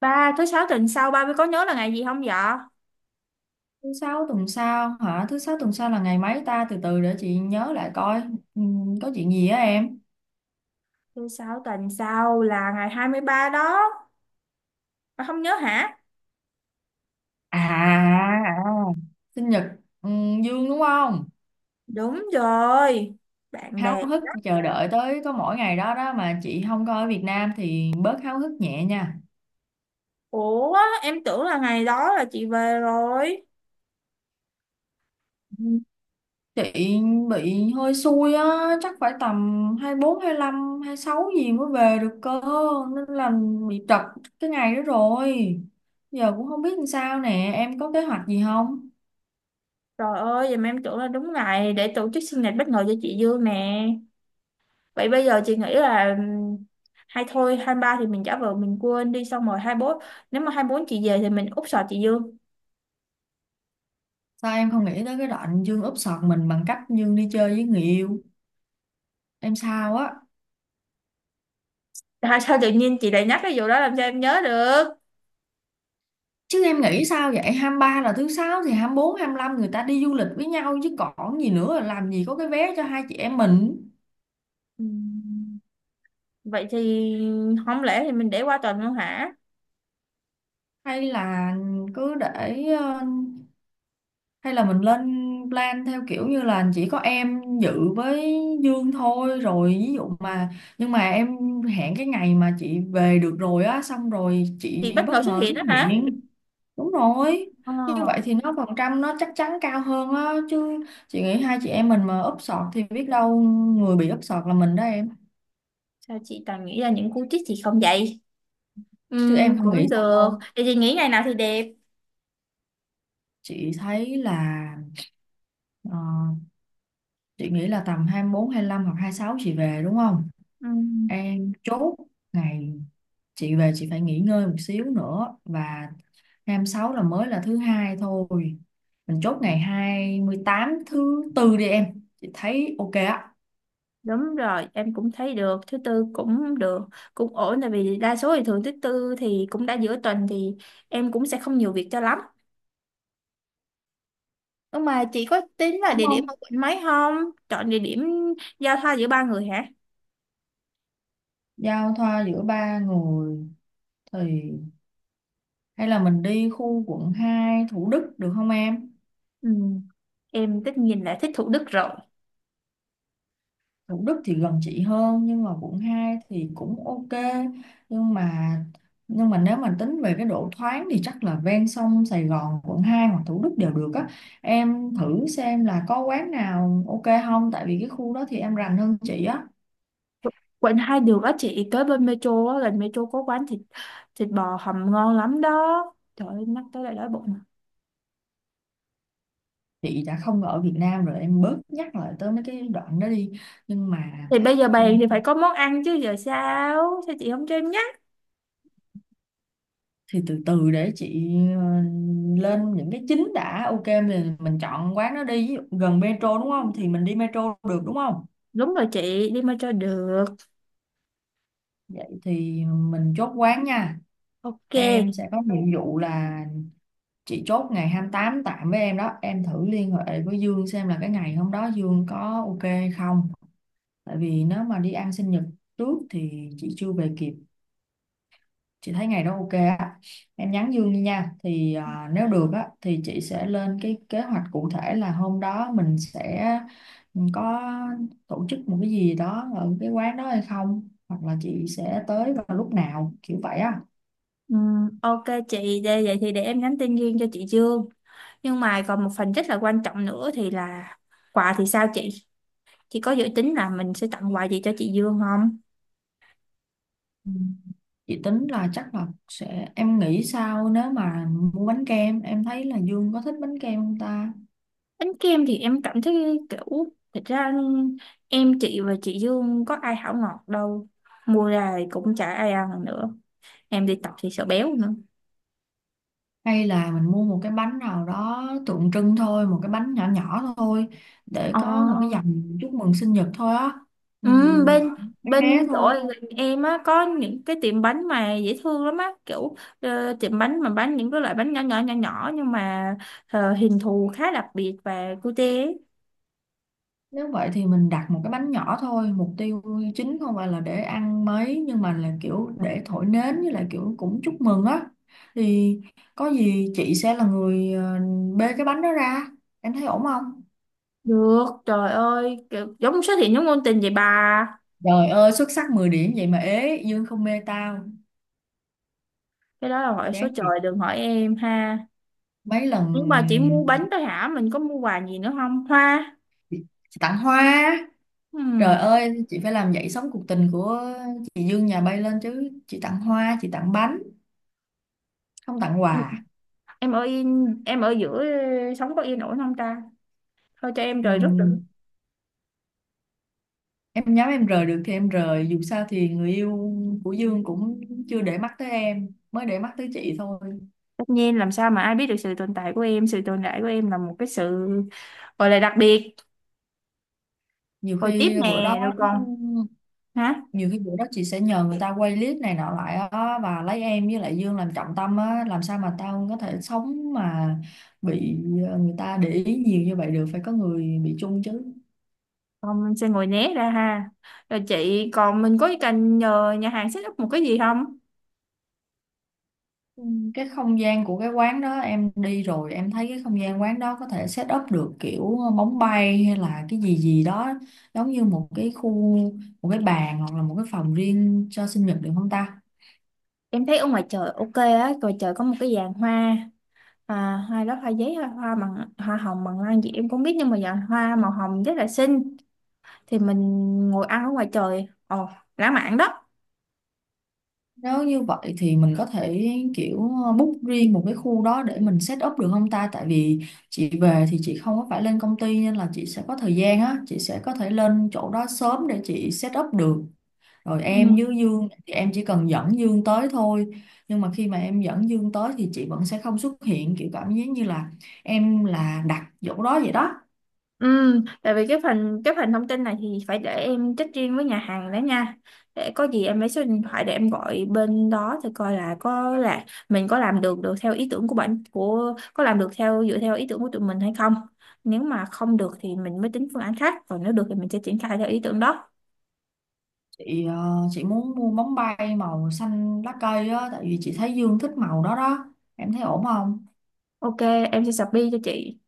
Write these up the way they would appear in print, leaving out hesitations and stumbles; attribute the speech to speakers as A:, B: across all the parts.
A: Ba, thứ sáu tuần sau ba mới có nhớ là ngày gì không dạ?
B: Thứ sáu tuần sau hả? Thứ sáu tuần sau là ngày mấy ta? Từ từ để chị nhớ lại coi. Có chuyện gì á em?
A: Thứ sáu tuần sau là ngày 23 đó. Bà không nhớ hả?
B: À, à, Sinh nhật Dương đúng không?
A: Đúng rồi. Bạn
B: Háo
A: bè.
B: hức chờ đợi tới có mỗi ngày đó đó mà chị không coi ở Việt Nam thì bớt háo hức nhẹ nha.
A: Ủa, em tưởng là ngày đó là chị về rồi.
B: Ừm, Chị bị hơi xui á, chắc phải tầm 24, hai sáu gì mới về được cơ. Nên là bị trật cái ngày đó rồi. Giờ cũng không biết làm sao nè, em có kế hoạch gì không?
A: Trời ơi, vậy mà em tưởng là đúng ngày để tổ chức sinh nhật bất ngờ cho chị Dương nè. Vậy bây giờ chị nghĩ là hay thôi 23 thì mình giả vờ mình quên đi, xong rồi 24. Nếu mà 24 chị về thì mình úp sọt chị Dương.
B: Sao em không nghĩ tới cái đoạn Dương úp sọt mình bằng cách Dương đi chơi với người yêu? Em sao á?
A: Tại sao tự nhiên chị lại nhắc cái vụ đó, làm sao em nhớ được?
B: Chứ em nghĩ sao vậy? Hai mươi ba là thứ sáu thì 24, 25 người ta đi du lịch với nhau chứ còn gì nữa, làm gì có cái vé cho hai chị em mình?
A: Ừm. Vậy thì không lẽ thì mình để qua tuần luôn hả?
B: Hay là cứ để hay là mình lên plan theo kiểu như là chỉ có em dự với Dương thôi, rồi ví dụ mà nhưng mà em hẹn cái ngày mà chị về được rồi á, xong rồi
A: Chị
B: chị
A: bất
B: bất
A: ngờ xuất
B: ngờ
A: hiện
B: xuất
A: đó hả?
B: hiện. Đúng rồi,
A: Ồ.
B: như vậy thì nó phần trăm nó chắc chắn cao hơn á, chứ chị nghĩ hai chị em mình mà úp sọt thì biết đâu người bị úp sọt là mình đó em.
A: Sao chị toàn nghĩ ra những cú trích chị không vậy?
B: Chứ em không nghĩ
A: Cũng được.
B: sao.
A: Vậy chị nghĩ ngày nào thì đẹp?
B: Chị thấy là ờ, chị nghĩ là tầm 24, lăm hoặc hai sáu chị về đúng không.
A: Ừm,
B: Em chốt ngày, chị về chị phải nghỉ ngơi một xíu nữa, và 26 là mới là thứ hai thôi, mình chốt ngày 28 thứ tư đi em, chị thấy ok á.
A: đúng rồi, em cũng thấy được. Thứ tư cũng được, cũng ổn. Tại vì đa số thì thường thứ tư thì cũng đã giữa tuần thì em cũng sẽ không nhiều việc cho lắm. Nhưng mà chị có tính là
B: Đúng
A: địa điểm
B: không.
A: ở quận mấy không? Chọn địa điểm giao thoa giữa ba người hả?
B: Giao thoa giữa ba người thì hay là mình đi khu quận 2 Thủ Đức được không em.
A: Ừm, em tất nhiên là thích Thủ Đức rồi.
B: Thủ Đức thì gần chị hơn nhưng mà quận 2 thì cũng ok, nhưng mà nhưng mà nếu mà tính về cái độ thoáng thì chắc là ven sông Sài Gòn quận 2 hoặc Thủ Đức đều được á. Em thử xem là có quán nào ok không, tại vì cái khu đó thì em rành hơn chị á.
A: Quận hai đường á, chị tới bên metro á, gần metro có quán thịt thịt bò hầm ngon lắm đó. Trời ơi, nhắc tới lại đói bụng.
B: Chị đã không ở Việt Nam rồi, em bớt nhắc lại tới mấy cái đoạn đó đi. Nhưng mà
A: Thì bây giờ
B: ừ,
A: bàn thì phải có món ăn chứ, giờ sao sao chị không cho em nhắc.
B: thì từ từ để chị ờ, lên những cái chính đã. Ok, mình chọn quán đó đi. Ví dụ gần metro đúng không, thì mình đi metro được đúng không.
A: Đúng rồi chị, đi metro được.
B: Vậy thì mình chốt quán nha.
A: Ok.
B: Em sẽ có nhiệm vụ là chị chốt ngày 28 tạm với em đó. Em thử liên hệ với Dương xem là cái ngày hôm đó Dương có ok hay không. Tại vì nếu mà đi ăn sinh nhật trước thì chị chưa về kịp. Chị thấy ngày đó ok á. Em nhắn Dương đi nha. Thì à, nếu được á thì chị sẽ lên cái kế hoạch cụ thể là hôm đó mình sẽ ừ, có tổ chức một cái gì đó ở cái quán đó hay không. Hoặc là chị sẽ tới vào lúc nào kiểu vậy á.
A: Ok chị đây, vậy thì để em nhắn tin riêng cho chị Dương. Nhưng mà còn một phần rất là quan trọng nữa thì là quà thì sao chị có dự tính là mình sẽ tặng quà gì cho chị Dương không?
B: Ừ. Chị tính là chắc là sẽ, em nghĩ sao nếu mà mua bánh kem, em thấy là Dương có thích bánh kem không ta.
A: Bánh kem thì em cảm thấy kiểu, thật ra em, chị và chị Dương có ai hảo ngọt đâu. Mua ra thì cũng chả ai ăn nữa. Em đi tập thì sợ béo nữa.
B: Hay là mình mua một cái bánh nào đó tượng trưng thôi, một cái bánh nhỏ nhỏ thôi, để
A: Ờ.
B: có một cái dòng chúc mừng sinh nhật thôi á. ừ,
A: Ừ, bên
B: Bé bé
A: bên chỗ
B: thôi.
A: gần em á có những cái tiệm bánh mà dễ thương lắm á, kiểu tiệm bánh mà bán những cái loại bánh nhỏ nhỏ nhỏ nhỏ nhưng mà hình thù khá đặc biệt và cute ấy.
B: Nếu vậy thì mình đặt một cái bánh nhỏ thôi, mục tiêu chính không phải là để ăn mấy nhưng mà là kiểu để thổi nến với lại kiểu cũng chúc mừng á. Thì có gì chị sẽ là người bê cái bánh đó ra. Em thấy ổn không?
A: Được, trời ơi, kiểu giống xuất hiện giống ngôn tình vậy bà.
B: Trời ơi, xuất sắc 10 điểm vậy mà ế, Dương không mê tao.
A: Cái đó là hỏi số
B: Chán
A: trời,
B: thiệt.
A: đừng hỏi em ha.
B: Mấy
A: Nhưng
B: lần
A: mà chỉ mua bánh thôi hả, mình có mua quà gì nữa không, hoa?
B: chị tặng hoa. Trời
A: Ừm,
B: ơi, chị phải làm dậy sóng cuộc tình của chị Dương nhà bay lên chứ. Chị tặng hoa, chị tặng bánh, không tặng
A: em
B: quà.
A: em ở yên, em ở giữa, sống có yên ổn không ta? Thôi cho em
B: Ừ.
A: rời rút được.
B: Em nhắm em rời được thì em rời, dù sao thì người yêu của Dương cũng chưa để mắt tới em, mới để mắt tới chị thôi.
A: Tất nhiên, làm sao mà ai biết được sự tồn tại của em. Sự tồn tại của em là một cái sự gọi là đặc biệt.
B: Nhiều
A: Rồi tiếp
B: khi bữa đó,
A: nè, rồi còn. Hả?
B: nhiều khi bữa đó chị sẽ nhờ người ta quay clip này nọ lại á, và lấy em với lại Dương làm trọng tâm á. Làm sao mà tao có thể sống mà bị người ta để ý nhiều như vậy được, phải có người bị chung chứ.
A: Còn mình sẽ ngồi né ra ha. Rồi chị, còn mình có cần nhờ nhà hàng set up một cái gì không?
B: Ừ, cái không gian của cái quán đó em đi rồi, em thấy cái không gian quán đó có thể set up được kiểu bóng bay hay là cái gì gì đó, giống như một cái khu, một cái bàn hoặc là một cái phòng riêng cho sinh nhật được không ta.
A: Em thấy ở ngoài trời ok á, ngoài trời có một cái giàn hoa. À, hai đó hoa giấy hoa bằng hoa hồng bằng lan gì em cũng biết nhưng mà giờ hoa màu hồng rất là xinh, thì mình ngồi ăn ở ngoài trời, ồ lãng mạn đó.
B: Nếu như vậy thì mình có thể kiểu book riêng một cái khu đó để mình set up được không ta, tại vì chị về thì chị không có phải lên công ty, nên là chị sẽ có thời gian á, chị sẽ có thể lên chỗ đó sớm để chị set up được, rồi em
A: Ừ.
B: với Dương thì em chỉ cần dẫn Dương tới thôi. Nhưng mà khi mà em dẫn Dương tới thì chị vẫn sẽ không xuất hiện, kiểu cảm giác như là em là đặt chỗ đó vậy đó.
A: Ừ, tại vì cái phần thông tin này thì phải để em check riêng với nhà hàng đó nha. Để có gì em lấy số điện thoại để em gọi bên đó thì coi là có, là mình có làm được được theo ý tưởng của bạn của, có làm được theo, dựa theo ý tưởng của tụi mình hay không. Nếu mà không được thì mình mới tính phương án khác, còn nếu được thì mình sẽ triển khai theo ý tưởng đó.
B: Chị chị muốn mua bóng bay màu xanh lá cây á, tại vì chị thấy Dương thích màu đó đó. Em thấy ổn không.
A: Ok, em sẽ submit cho chị.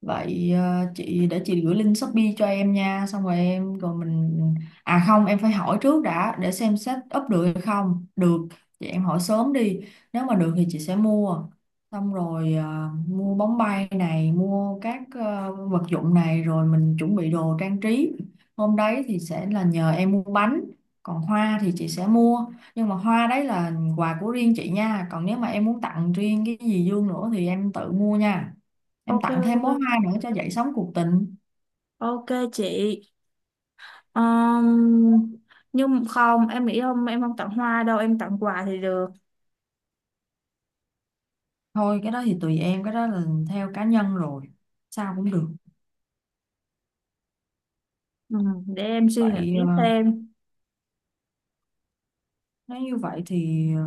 B: Vậy chị để chị gửi link Shopee cho em nha, xong rồi em rồi mình, à không, em phải hỏi trước đã để xem set up được hay không. Được, chị em hỏi sớm đi. Nếu mà được thì chị sẽ mua. Xong rồi mua bóng bay này, mua các vật dụng này, rồi mình chuẩn bị đồ trang trí. Hôm đấy thì sẽ là nhờ em mua bánh, còn hoa thì chị sẽ mua. Nhưng mà hoa đấy là quà của riêng chị nha, còn nếu mà em muốn tặng riêng cái gì Dương nữa thì em tự mua nha. Em
A: Ok,
B: tặng thêm
A: ok,
B: bó hoa nữa cho dậy sóng cuộc tình.
A: ok chị. um, nhưng không, em nghĩ không, em không tặng hoa đâu, em tặng quà thì được.
B: Thôi cái đó thì tùy em, cái đó là theo cá nhân rồi, sao cũng được.
A: Ừ, để em suy
B: Vậy
A: nghĩ thêm.
B: nếu như vậy thì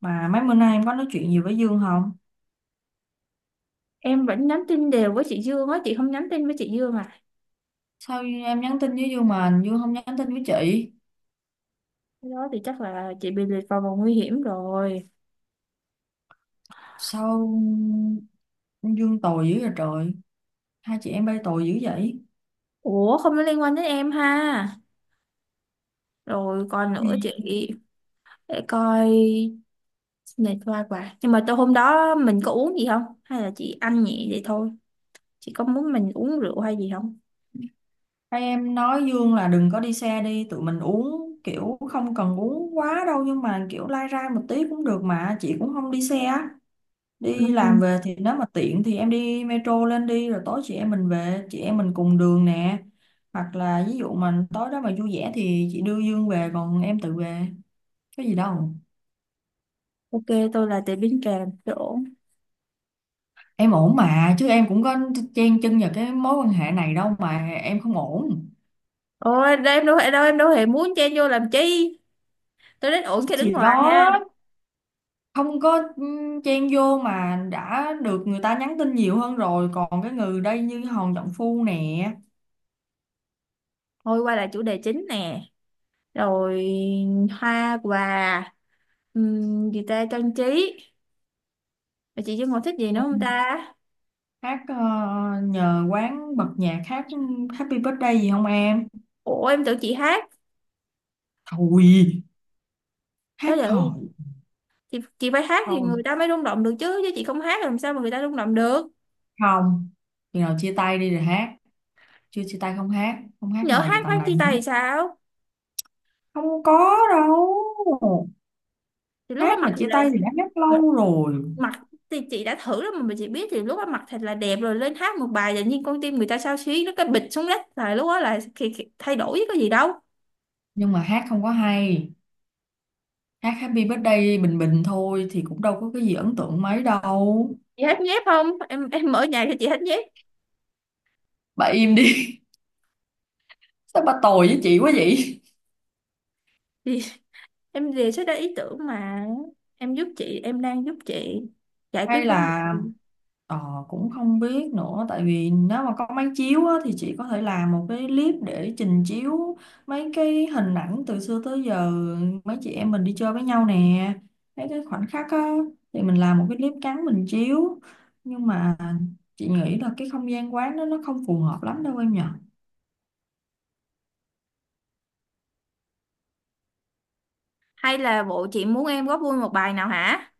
B: mà mấy bữa nay em có nói chuyện gì với Dương không.
A: Em vẫn nhắn tin đều với chị Dương á, chị không nhắn tin với chị Dương à?
B: Sao em nhắn tin với Dương mà Dương không nhắn tin với chị.
A: Cái đó thì chắc là chị bị liệt vào vòng nguy hiểm rồi.
B: Sao Dương tồi dữ vậy trời, hai chị em bay tồi dữ vậy.
A: Ủa, không có liên quan đến em ha. Rồi còn
B: Ừ.
A: nữa chị, để coi, này qua quà, nhưng mà tôi hôm đó mình có uống gì không hay là chị ăn nhẹ vậy thôi, chị có muốn mình uống rượu hay gì không?
B: Hai em nói Dương là đừng có đi xe đi, tụi mình uống kiểu không cần uống quá đâu nhưng mà kiểu lai rai một tí cũng được mà, chị cũng không đi xe.
A: Ừ.
B: Đi làm về thì nếu mà tiện thì em đi metro lên đi, rồi tối chị em mình về, chị em mình cùng đường nè. Hoặc là ví dụ mà tối đó mà vui vẻ thì chị đưa Dương về còn em tự về, có gì đâu.
A: Ok, tôi là tiệm bánh kèm, tôi ổn.
B: Em ổn mà chứ, em cũng có chen chân vào cái mối quan hệ này đâu mà em không ổn.
A: Ôi, đây em đâu hề đâu, em đâu hề muốn chen vô làm chi. Tôi đến ổn khi đứng
B: Thì
A: ngoài
B: đó,
A: ha.
B: không có chen vô mà đã được người ta nhắn tin nhiều hơn rồi, còn cái người đây như Hòn Trọng Phu nè.
A: Thôi quay lại chủ đề chính nè. Rồi hoa quà, gì ta trang trí. Rồi chị Dung còn thích gì nữa
B: Ừ.
A: không ta?
B: Hát nhờ quán bật nhạc hát Happy Birthday gì không em.
A: Ủa em tưởng chị hát.
B: Thôi
A: Đó
B: hát
A: giờ
B: hò.
A: chị phải hát thì
B: Thôi
A: người ta mới rung động được chứ. Chứ chị không hát làm sao mà người ta rung động được.
B: không, khi nào chia tay đi rồi hát. Chưa chia tay không hát. Không hát
A: Nhỡ
B: hò gì
A: hát
B: tầm
A: phát
B: này
A: chia tay
B: nữa.
A: thì sao?
B: Không có đâu.
A: Thì lúc đó
B: Hát
A: mặc
B: mà
A: thì
B: chia tay
A: là
B: thì đã hát lâu rồi.
A: mặc thì chị đã thử rồi mà chị biết thì lúc đó mặc thật là đẹp rồi lên hát một bài, tự nhiên con tim người ta xao xuyến, nó cái bịch xuống đất, là lúc đó là khi thay đổi chứ có gì đâu.
B: Nhưng mà hát không có hay. Hát Happy Birthday bình bình thôi, thì cũng đâu có cái gì ấn tượng mấy đâu.
A: Chị hát nhép không em? Em ở nhà cho chị hát nhép.
B: Bà im đi. Sao bà tồi với chị quá vậy.
A: Thì em đề xuất ra ý tưởng mà, em giúp chị em đang giúp chị giải quyết
B: Hay
A: vấn
B: là
A: đề.
B: ờ, cũng không biết nữa, tại vì nếu mà có máy chiếu á, thì chị có thể làm một cái clip để trình chiếu mấy cái hình ảnh từ xưa tới giờ, mấy chị em mình đi chơi với nhau nè, mấy cái khoảnh khắc á, thì mình làm một cái clip ngắn mình chiếu. Nhưng mà chị nghĩ là cái không gian quán đó nó không phù hợp lắm đâu em nhỉ.
A: Hay là bộ chị muốn em góp vui một bài nào hả?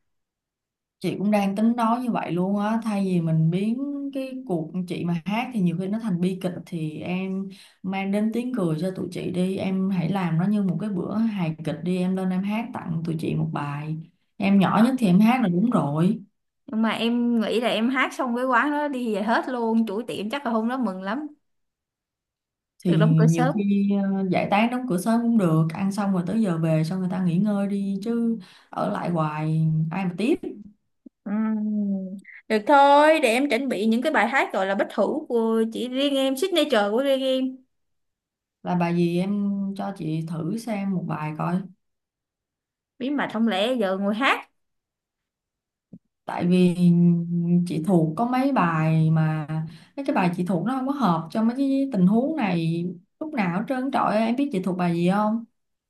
B: Chị cũng đang tính nói như vậy luôn á, thay vì mình biến cái cuộc, chị mà hát thì nhiều khi nó thành bi kịch, thì em mang đến tiếng cười cho tụi chị đi, em hãy làm nó như một cái bữa hài kịch đi, em lên em hát tặng tụi chị một bài. Em nhỏ nhất thì em hát là đúng rồi.
A: Nhưng mà em nghĩ là em hát xong cái quán đó đi về hết luôn, chủ tiệm chắc là hôm đó mừng lắm,
B: Thì
A: được đóng cửa
B: nhiều
A: sớm.
B: khi giải tán đóng cửa sớm cũng được, ăn xong rồi tới giờ về, xong người ta nghỉ ngơi đi chứ, ở lại hoài ai mà tiếp.
A: Ừm, Được thôi, để em chuẩn bị những cái bài hát gọi là bất hủ của chỉ riêng em, signature của riêng em.
B: Là bài gì em, cho chị thử xem một bài coi.
A: Bí mật, không lẽ giờ ngồi hát?
B: Tại vì chị thuộc có mấy bài mà, mấy cái bài chị thuộc nó không có hợp cho mấy cái tình huống này, lúc nào hết trơn trọi. Em biết chị thuộc bài gì không.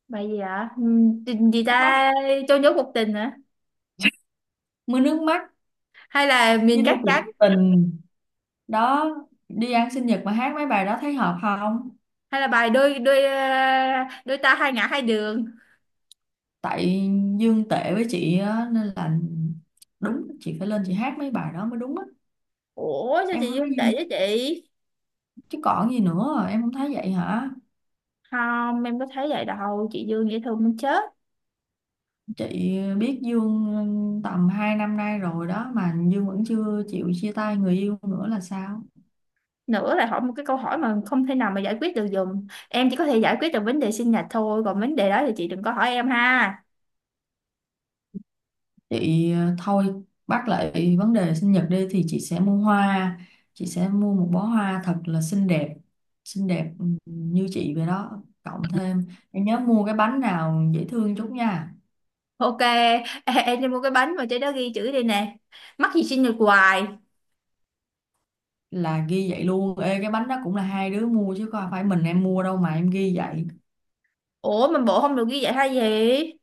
A: Bài gì ạ? Tình gì
B: Nước mắt,
A: ta, cho nhốt một tình hả?
B: mưa nước mắt,
A: Hay là
B: như
A: miền
B: đôi
A: cát
B: cuộc
A: trắng?
B: tình đó, đi ăn sinh nhật mà hát mấy bài đó thấy hợp không.
A: Hay là bài đôi đôi ờ, đôi ta hai ngả hai đường?
B: Tại Dương tệ với chị á, nên là đúng chị phải lên chị hát mấy bài đó mới đúng á.
A: Ủa sao
B: Em
A: chị
B: có thấy
A: Dương
B: gì,
A: tệ với chị?
B: chứ còn gì nữa, em không thấy vậy hả.
A: Không, em có thấy vậy đâu, chị Dương dễ thương muốn chết.
B: Chị biết Dương tầm 2 năm nay rồi đó mà Dương vẫn chưa chịu chia tay người yêu nữa là sao?
A: Nữa là hỏi một cái câu hỏi mà không thể nào mà giải quyết được dùm. Em chỉ có thể giải quyết được vấn đề sinh nhật thôi, còn vấn đề đó thì chị đừng có hỏi em ha.
B: Chị thôi bắt lại vấn đề sinh nhật đi, thì chị sẽ mua hoa, chị sẽ mua một bó hoa thật là xinh đẹp như chị vậy đó, cộng thêm em nhớ mua cái bánh nào dễ thương chút nha,
A: Ok, ê, em đi mua cái bánh mà trên đó ghi chữ đây nè. Mắc gì xin được hoài.
B: là ghi vậy luôn. Ê cái bánh đó cũng là hai đứa mua chứ không phải mình em mua đâu mà em ghi vậy.
A: Ủa mà bộ không được ghi vậy hay gì?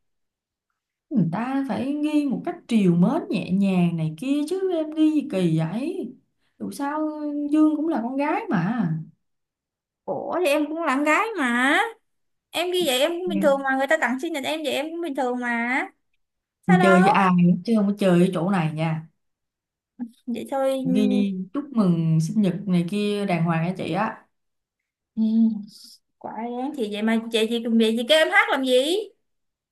B: Người ta phải nghi một cách trìu mến nhẹ nhàng này kia chứ em nghi gì kỳ vậy. Dù sao Dương cũng là con gái mà.
A: Ủa thì em cũng là con gái mà. Em ghi vậy em cũng bình
B: Ừ.
A: thường mà. Người ta tặng sinh nhật em vậy em cũng bình thường mà. Sao đâu?
B: Chơi với ai chứ không có chơi với chỗ này nha.
A: Vậy thôi.
B: Ghi chúc mừng sinh nhật này kia đàng hoàng nha chị á.
A: Ừ, quả đáng thì vậy mà chị gì cùng vậy gì? Kêu em hát làm gì?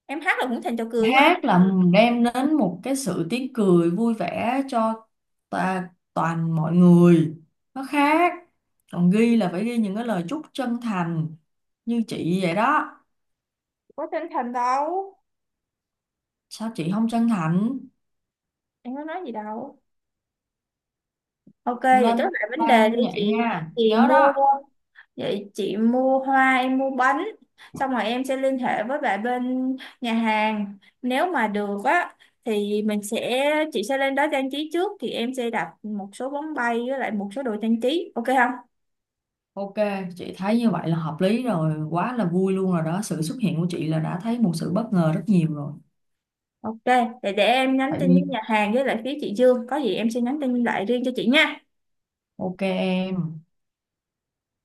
A: Em hát là cũng thành trò cười thôi.
B: Hát là đem đến một cái sự tiếng cười vui vẻ cho ta, toàn mọi người, nó khác. Còn ghi là phải ghi những cái lời chúc chân thành như chị vậy đó.
A: Có chân thành đâu.
B: Sao chị không chân thành.
A: Em có nói gì đâu. Ok, vậy chốt
B: Lên
A: lại vấn đề đi
B: plan vậy
A: chị.
B: nha,
A: Chị
B: nhớ
A: mua
B: đó.
A: Vậy chị mua hoa, em mua bánh. Xong rồi em sẽ liên hệ với lại bên nhà hàng. Nếu mà được á thì mình sẽ chị sẽ lên đó trang trí trước thì em sẽ đặt một số bóng bay với lại một số đồ trang trí. Ok không?
B: Ok, chị thấy như vậy là hợp lý rồi, quá là vui luôn rồi đó, sự xuất hiện của chị là đã thấy một sự bất ngờ rất nhiều rồi.
A: Ok, để em nhắn
B: Tại
A: tin với
B: nhiên
A: nhà hàng với lại phía chị Dương, có gì em sẽ nhắn tin lại riêng cho chị nha.
B: ok em.